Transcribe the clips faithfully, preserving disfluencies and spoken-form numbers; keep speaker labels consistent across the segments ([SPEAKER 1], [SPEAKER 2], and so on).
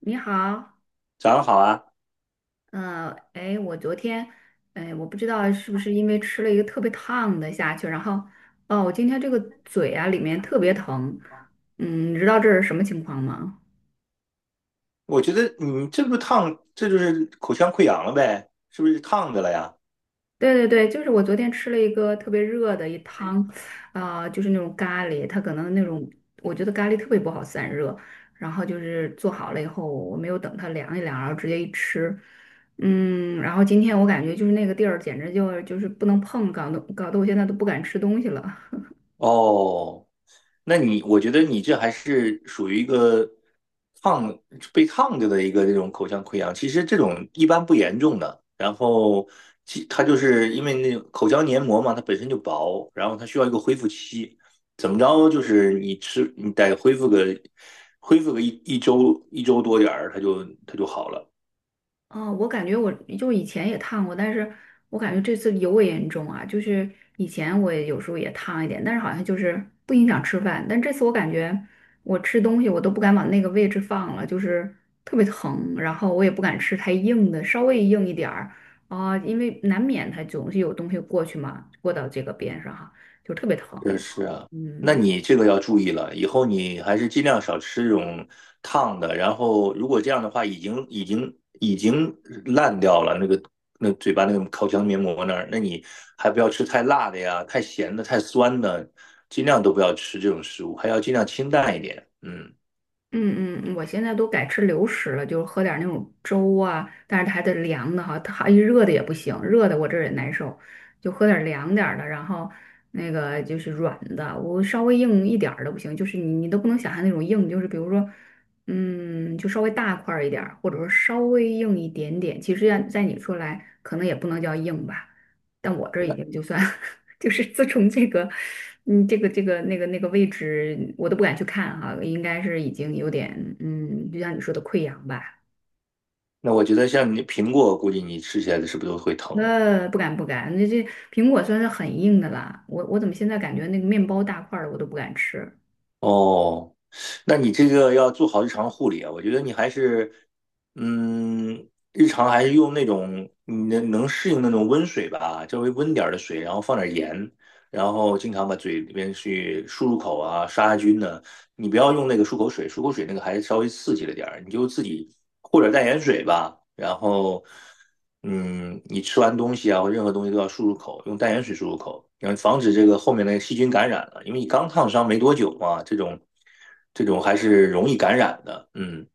[SPEAKER 1] 你好。
[SPEAKER 2] 早上好啊！
[SPEAKER 1] 嗯，哎，我昨天，哎，我不知道是不是因为吃了一个特别烫的下去，然后，哦，我今天这个嘴啊里面特别疼。嗯，你知道这是什么情况吗？
[SPEAKER 2] 我觉得你这不烫，这就是口腔溃疡了呗？是不是烫的了呀？
[SPEAKER 1] 对对对，就是我昨天吃了一个特别热的一汤，啊、就是那种咖喱，它可能那种我觉得咖喱特别不好散热，然后就是做好了以后，我没有等它凉一凉，然后直接一吃。嗯，然后今天我感觉就是那个地儿简直就就是不能碰，搞得搞得我现在都不敢吃东西了。
[SPEAKER 2] 哦，那你我觉得你这还是属于一个烫被烫着的一个这种口腔溃疡，其实这种一般不严重的。然后其它就是因为那种口腔黏膜嘛，它本身就薄，然后它需要一个恢复期，怎么着就是你吃你得恢复个恢复个一一周一周多点儿，它就它就好了。
[SPEAKER 1] 啊，我感觉我就以前也烫过，但是我感觉这次尤为严重啊。就是以前我也有时候也烫一点，但是好像就是不影响吃饭。但这次我感觉我吃东西我都不敢往那个位置放了，就是特别疼，然后我也不敢吃太硬的，稍微硬一点儿啊，因为难免它总是有东西过去嘛，过到这个边上哈，就特别疼。
[SPEAKER 2] 这是啊，那
[SPEAKER 1] 嗯。
[SPEAKER 2] 你这个要注意了，以后你还是尽量少吃这种烫的。然后，如果这样的话，已经已经已经烂掉了那个那嘴巴那个口腔黏膜那儿，那你还不要吃太辣的呀，太咸的、太酸的，尽量都不要吃这种食物，还要尽量清淡一点。嗯，
[SPEAKER 1] 嗯嗯，嗯我现在都改吃流食了，就是喝点儿那种粥啊，但是它还得凉的哈，它一热的也不行，热的我这儿也难受，就喝点儿凉点儿的，然后那个就是软的，我稍微硬一点儿的不行，就是你你都不能想象那种硬，就是比如说，嗯，就稍微大块儿一点儿，或者说稍微硬一点点，其实在在你说来可能也不能叫硬吧，但我这已经就算 就是自从这个，嗯，这个这个那个那个位置，我都不敢去看哈、应该是已经有点，嗯，就像你说的溃疡吧。
[SPEAKER 2] 那我觉得像你苹果，估计你吃起来是不是都会疼？
[SPEAKER 1] 呃，不敢不敢，那这苹果算是很硬的啦。我我怎么现在感觉那个面包大块儿的我都不敢吃？
[SPEAKER 2] 哦，那你这个要做好日常护理啊，我觉得你还是，嗯，日常还是用那种你能能适应那种温水吧，稍微温点儿的水，然后放点盐，然后经常把嘴里边去漱漱口啊，杀杀菌呢、你不要用那个漱口水，漱口水那个还稍微刺激了点儿，你就自己或者淡盐水吧。然后，嗯，你吃完东西啊或任何东西都要漱漱口，用淡盐水漱漱口，然后防止这个后面的细菌感染了，因为你刚烫伤没多久嘛，这种这种还是容易感染的。嗯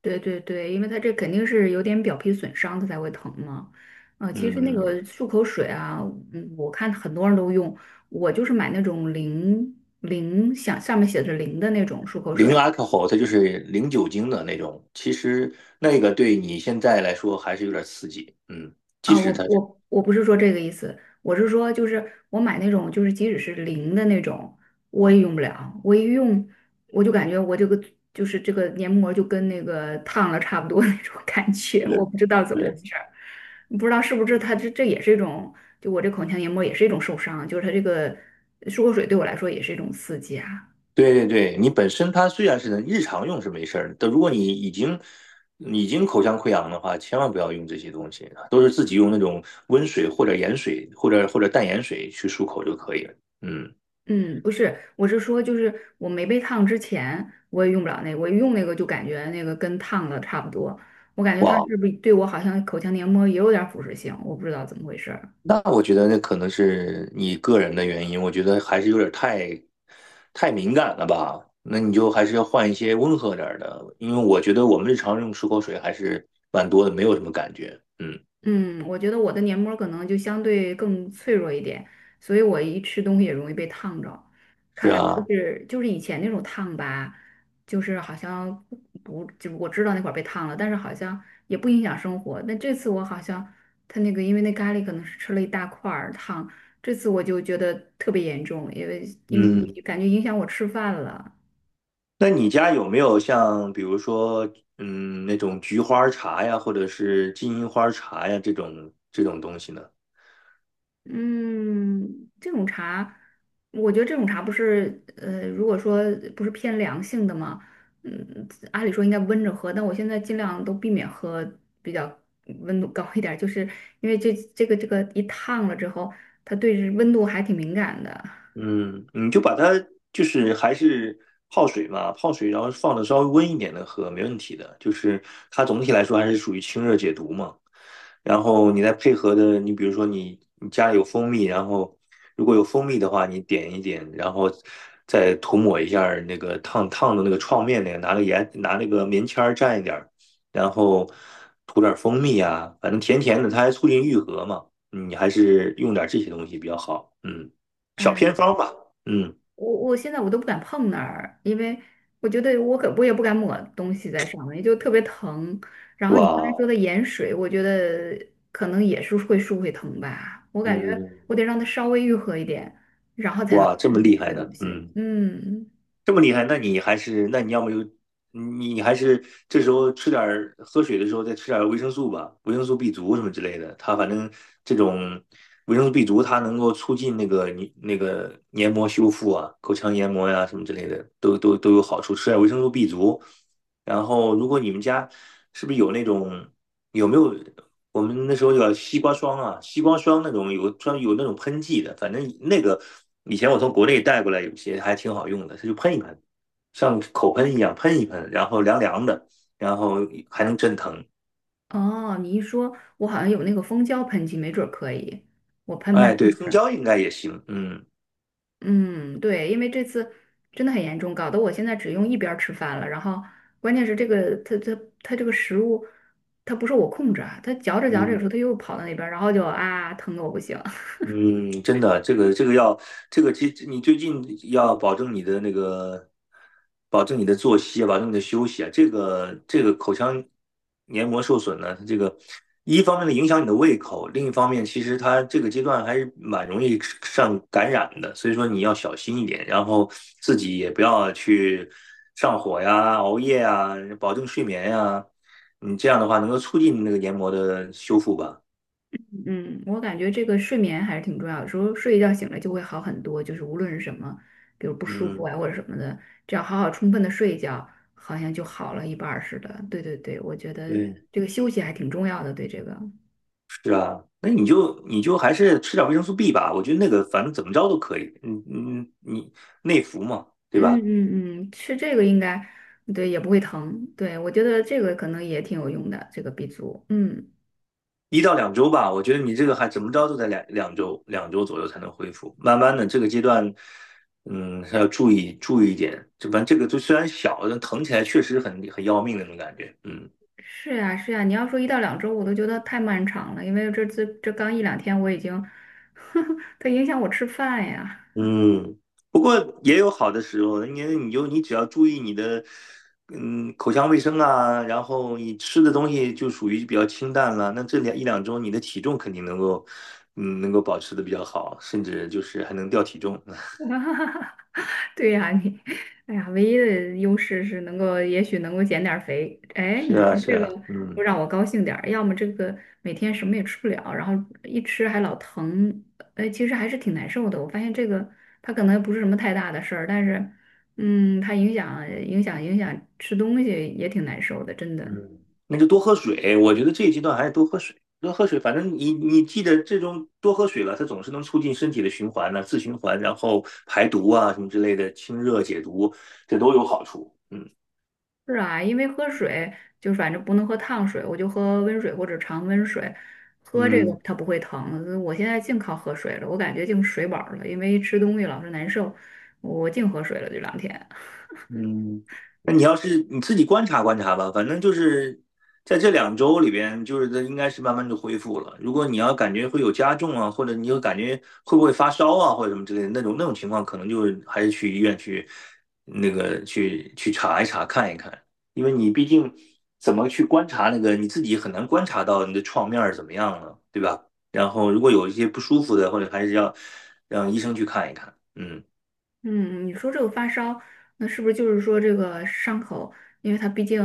[SPEAKER 1] 对对对，因为它这肯定是有点表皮损伤，它才会疼嘛。啊、其实那
[SPEAKER 2] 嗯，
[SPEAKER 1] 个漱口水啊，嗯，我看很多人都用，我就是买那种零零，想上面写着零的那种漱口
[SPEAKER 2] 零
[SPEAKER 1] 水。
[SPEAKER 2] alcohol 它就是零酒精的那种，其实那个对你现在来说还是有点刺激。嗯，即
[SPEAKER 1] 啊，我
[SPEAKER 2] 使它这。
[SPEAKER 1] 我我不是说这个意思，我是说就是我买那种就是即使是零的那种，我也用不了，我一用我就感觉我这个就是这个黏膜就跟那个烫了差不多那种感觉，
[SPEAKER 2] 对
[SPEAKER 1] 我不知道怎么
[SPEAKER 2] 对。
[SPEAKER 1] 回事儿，不知道是不是它这这也是一种，就我这口腔黏膜也是一种受伤，就是它这个漱口水对我来说也是一种刺激啊。
[SPEAKER 2] 对对对，你本身它虽然是能日常用是没事儿的，但如果你已经已经口腔溃疡的话，千万不要用这些东西啊，都是自己用那种温水或者盐水或者或者淡盐水去漱口就可以了。嗯，
[SPEAKER 1] 嗯，不是，我是说，就是我没被烫之前，我也用不了那个，我一用那个就感觉那个跟烫的差不多，我感觉它
[SPEAKER 2] 哇，
[SPEAKER 1] 是不是对我好像口腔黏膜也有点儿腐蚀性，我不知道怎么回事。
[SPEAKER 2] 那我觉得那可能是你个人的原因，我觉得还是有点太太敏感了吧？那你就还是要换一些温和点儿的，因为我觉得我们日常用漱口水还是蛮多的，没有什么感觉。嗯，
[SPEAKER 1] 嗯，我觉得我的黏膜儿可能就相对更脆弱一点，所以我一吃东西也容易被烫着。
[SPEAKER 2] 是
[SPEAKER 1] 看来就
[SPEAKER 2] 啊，
[SPEAKER 1] 是就是以前那种烫吧，就是好像不不，就是我知道那会儿被烫了，但是好像也不影响生活。但这次我好像他那个，因为那咖喱可能是吃了一大块儿烫，这次我就觉得特别严重，因为因
[SPEAKER 2] 嗯。
[SPEAKER 1] 为感觉影响我吃饭了。
[SPEAKER 2] 那你家有没有像比如说，嗯，那种菊花茶呀，或者是金银花茶呀这种这种东西呢？
[SPEAKER 1] 嗯，这种茶，我觉得这种茶不是，呃，如果说不是偏凉性的嘛，嗯，按理说应该温着喝，但我现在尽量都避免喝比较温度高一点儿，就是因为这这个这个一烫了之后，它对温度还挺敏感的。
[SPEAKER 2] 嗯，你就把它就是还是泡水嘛，泡水然后放的稍微温一点的喝，没问题的。就是它总体来说还是属于清热解毒嘛。然后你再配合的，你比如说你你家里有蜂蜜，然后如果有蜂蜜的话，你点一点，然后再涂抹一下儿那个烫烫的那个创面那个，拿个盐拿那个棉签儿蘸一点儿然后涂点儿蜂蜜啊，反正甜甜的，它还促进愈合嘛。嗯你还是用点儿这些东西比较好。嗯。小
[SPEAKER 1] 哎，
[SPEAKER 2] 偏
[SPEAKER 1] 我
[SPEAKER 2] 方吧。嗯，
[SPEAKER 1] 我我现在我都不敢碰那儿，因为我觉得我可我也不敢抹东西在上面，就特别疼。然后你刚才说
[SPEAKER 2] 哇，
[SPEAKER 1] 的盐水，我觉得可能也是会舒会疼吧，我感觉我
[SPEAKER 2] 嗯，
[SPEAKER 1] 得让它稍微愈合一点，然后才能
[SPEAKER 2] 哇，这么
[SPEAKER 1] 用这
[SPEAKER 2] 厉害
[SPEAKER 1] 些
[SPEAKER 2] 的，
[SPEAKER 1] 东西。
[SPEAKER 2] 嗯，
[SPEAKER 1] 嗯。
[SPEAKER 2] 这么厉害，那你还是，那你要么就，你还是这时候吃点儿喝水的时候再吃点儿维生素吧，维生素 B 族什么之类的。它反正这种维生素 B 族，它能够促进那个你那个黏膜修复啊，口腔黏膜呀、什么之类的，都都都有好处。吃点维生素 B 族，然后如果你们家是不是有那种有没有我们那时候有西瓜霜啊，西瓜霜那种有专有那种喷剂的，反正那个以前我从国内带过来，有些还挺好用的，它就喷一喷，像口喷一样喷一喷，然后凉凉的，然后还能镇疼。
[SPEAKER 1] 哦，你一说，我好像有那个蜂胶喷剂，没准儿可以，我喷喷
[SPEAKER 2] 哎，
[SPEAKER 1] 试
[SPEAKER 2] 对，蜂
[SPEAKER 1] 试。
[SPEAKER 2] 胶应该也行，嗯
[SPEAKER 1] 嗯，对，因为这次真的很严重，搞得我现在只用一边儿吃饭了。然后关键是这个，它它它这个食物，它不受我控制啊，它嚼着嚼着，有时
[SPEAKER 2] 嗯。
[SPEAKER 1] 候它又跑到那边儿，然后就啊疼得我不行。
[SPEAKER 2] 嗯，真的，这个这个要，这个其实你最近要保证你的那个，保证你的作息啊，保证你的休息啊。这个这个口腔黏膜受损呢，它这个一方面呢影响你的胃口，另一方面其实它这个阶段还是蛮容易上感染的，所以说你要小心一点，然后自己也不要去上火呀、熬夜呀，保证睡眠呀。你这样的话能够促进那个黏膜的修复吧。
[SPEAKER 1] 嗯，我感觉这个睡眠还是挺重要的，有时候睡一觉醒来就会好很多，就是无论是什么，比如不舒服啊
[SPEAKER 2] 嗯，
[SPEAKER 1] 或者什么的，只要好好充分的睡一觉，好像就好了一半儿似的。对对对，我觉得
[SPEAKER 2] 对。
[SPEAKER 1] 这个休息还挺重要的，对这个。
[SPEAKER 2] 是啊，那你就你就还是吃点维生素 B 吧，我觉得那个反正怎么着都可以，嗯嗯，你内服嘛，对
[SPEAKER 1] 嗯
[SPEAKER 2] 吧？
[SPEAKER 1] 嗯嗯，吃这个应该对也不会疼，对我觉得这个可能也挺有用的，这个 B 族。嗯，
[SPEAKER 2] 一到两周吧，我觉得你这个还怎么着都在两两周两周左右才能恢复，慢慢的这个阶段，嗯，还要注意注意一点，这反正这个就虽然小，但疼起来确实很很要命那种感觉，嗯。
[SPEAKER 1] 是呀是呀，你要说一到两周，我都觉得太漫长了，因为这这这刚一两天我已经，它影响我吃饭呀，
[SPEAKER 2] 嗯，不过也有好的时候，因为你就你只要注意你的，嗯，口腔卫生啊，然后你吃的东西就属于比较清淡了，那这两一两周你的体重肯定能够，嗯，能够保持的比较好，甚至就是还能掉体重。
[SPEAKER 1] 对呀，你，哎呀，唯一的优势是能够，也许能够减点儿肥。哎，
[SPEAKER 2] 是
[SPEAKER 1] 你说
[SPEAKER 2] 啊，是
[SPEAKER 1] 这个
[SPEAKER 2] 啊，
[SPEAKER 1] 不
[SPEAKER 2] 嗯
[SPEAKER 1] 让我高兴点儿，要么这个每天什么也吃不了，然后一吃还老疼，哎，其实还是挺难受的。我发现这个它可能不是什么太大的事儿，但是，嗯，它影响影响影响吃东西也挺难受的，真的。
[SPEAKER 2] 嗯，那就多喝水，我觉得这一阶段还是多喝水，多喝水，反正你你记得这种多喝水了，它总是能促进身体的循环呢、自循环，然后排毒啊什么之类的，清热解毒，这都有好处。嗯。
[SPEAKER 1] 是啊，因为喝水就反正不能喝烫水，我就喝温水或者常温水，喝这个
[SPEAKER 2] 嗯
[SPEAKER 1] 它不会疼。我现在净靠喝水了，我感觉净水饱了，因为吃东西老是难受，我净喝水了这两天。
[SPEAKER 2] 嗯，那你要是你自己观察观察吧，反正就是在这两周里边，就是它应该是慢慢就恢复了。如果你要感觉会有加重啊，或者你有感觉会不会发烧啊，或者什么之类的那种那种情况，可能就是还是去医院去那个去去查一查看一看，因为你毕竟怎么去观察那个你自己很难观察到你的创面儿怎么样了，对吧？然后如果有一些不舒服的，或者还是要让医生去看一看。嗯，
[SPEAKER 1] 嗯，你说这个发烧，那是不是就是说这个伤口，因为它毕竟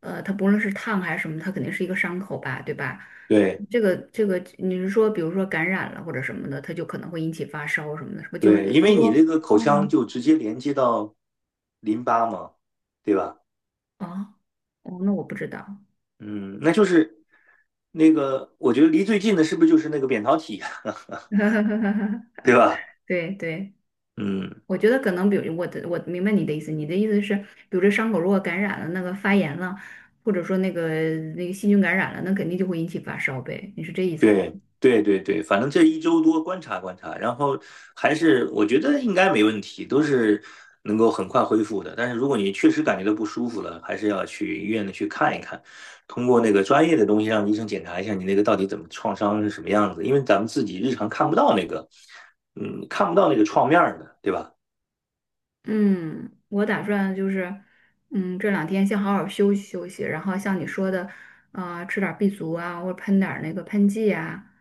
[SPEAKER 1] 呃，它不论是烫还是什么，它肯定是一个伤口吧，对吧？
[SPEAKER 2] 对。
[SPEAKER 1] 这个这个，你是说比如说感染了或者什么的，它就可能会引起发烧什么的，是不是就是？
[SPEAKER 2] 对，因为你那个口腔
[SPEAKER 1] 哦，
[SPEAKER 2] 就直接连接到淋巴嘛，对吧？
[SPEAKER 1] 啊，哦，那我不知道。
[SPEAKER 2] 嗯，那就是那个，我觉得离最近的是不是就是那个扁桃体，
[SPEAKER 1] 哈，
[SPEAKER 2] 对吧？
[SPEAKER 1] 对对，
[SPEAKER 2] 嗯，
[SPEAKER 1] 我觉得可能，比如我的我明白你的意思，你的意思是，比如这伤口如果感染了，那个发炎了，或者说那个那个细菌感染了，那肯定就会引起发烧呗，你是这意思吧？
[SPEAKER 2] 对对对对，反正这一周多观察观察，然后还是我觉得应该没问题，都是能够很快恢复的。但是如果你确实感觉到不舒服了，还是要去医院的去看一看，通过那个专业的东西让医生检查一下你那个到底怎么创伤是什么样子，因为咱们自己日常看不到那个，嗯，看不到那个创面儿的，对吧？
[SPEAKER 1] 嗯，我打算就是，嗯，这两天先好好休息休息，然后像你说的，啊，吃点儿 B 族啊，或者喷点儿那个喷剂啊，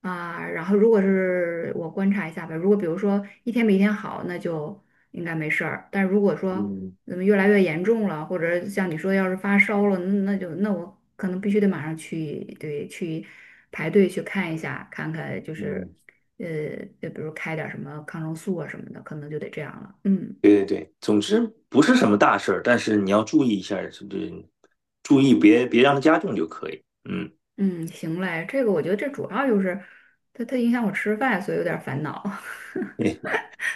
[SPEAKER 1] 啊，然后如果是我观察一下吧，如果比如说一天比一天好，那就应该没事儿。但如果说
[SPEAKER 2] 嗯
[SPEAKER 1] 怎么越来越严重了，或者像你说要是发烧了，那那就那我可能必须得马上去，对，去排队去看一下，看看就是，
[SPEAKER 2] 嗯，
[SPEAKER 1] 呃，就比如开点儿什么抗生素啊什么的，可能就得这样了。嗯，
[SPEAKER 2] 对对对，总之不是什么大事儿，但是你要注意一下，是不是？注意别别让它加重就可以。嗯，
[SPEAKER 1] 嗯，行嘞，这个我觉得这主要就是它它影响我吃饭，所以有点烦恼。
[SPEAKER 2] 对。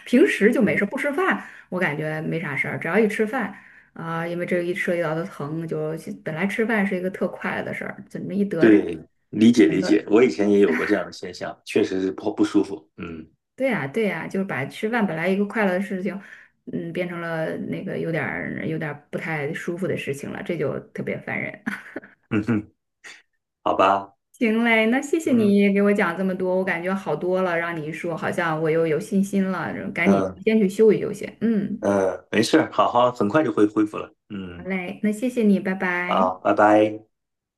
[SPEAKER 1] 平时就没事，
[SPEAKER 2] 嗯
[SPEAKER 1] 不吃饭我感觉没啥事儿，只要一吃饭啊、因为这一涉及到的疼，就本来吃饭是一个特快乐的事儿，怎么一得这？
[SPEAKER 2] 对，理解理解，我以前也有过这样的现象，确实是不不舒服。嗯
[SPEAKER 1] 对呀、对呀、就是把吃饭本来一个快乐的事情，嗯，变成了那个有点儿有点儿不太舒服的事情了，这就特别烦人。
[SPEAKER 2] 嗯哼，好吧，
[SPEAKER 1] 行嘞，那谢谢
[SPEAKER 2] 嗯，
[SPEAKER 1] 你给我讲这么多，我感觉好多了，让你一说，好像我又有信心了，赶紧
[SPEAKER 2] 嗯
[SPEAKER 1] 先去休息休息。嗯，
[SPEAKER 2] 嗯，没事儿好好，很快就会恢复了。
[SPEAKER 1] 好
[SPEAKER 2] 嗯，
[SPEAKER 1] 嘞，那谢谢你，拜拜。
[SPEAKER 2] 好，拜拜。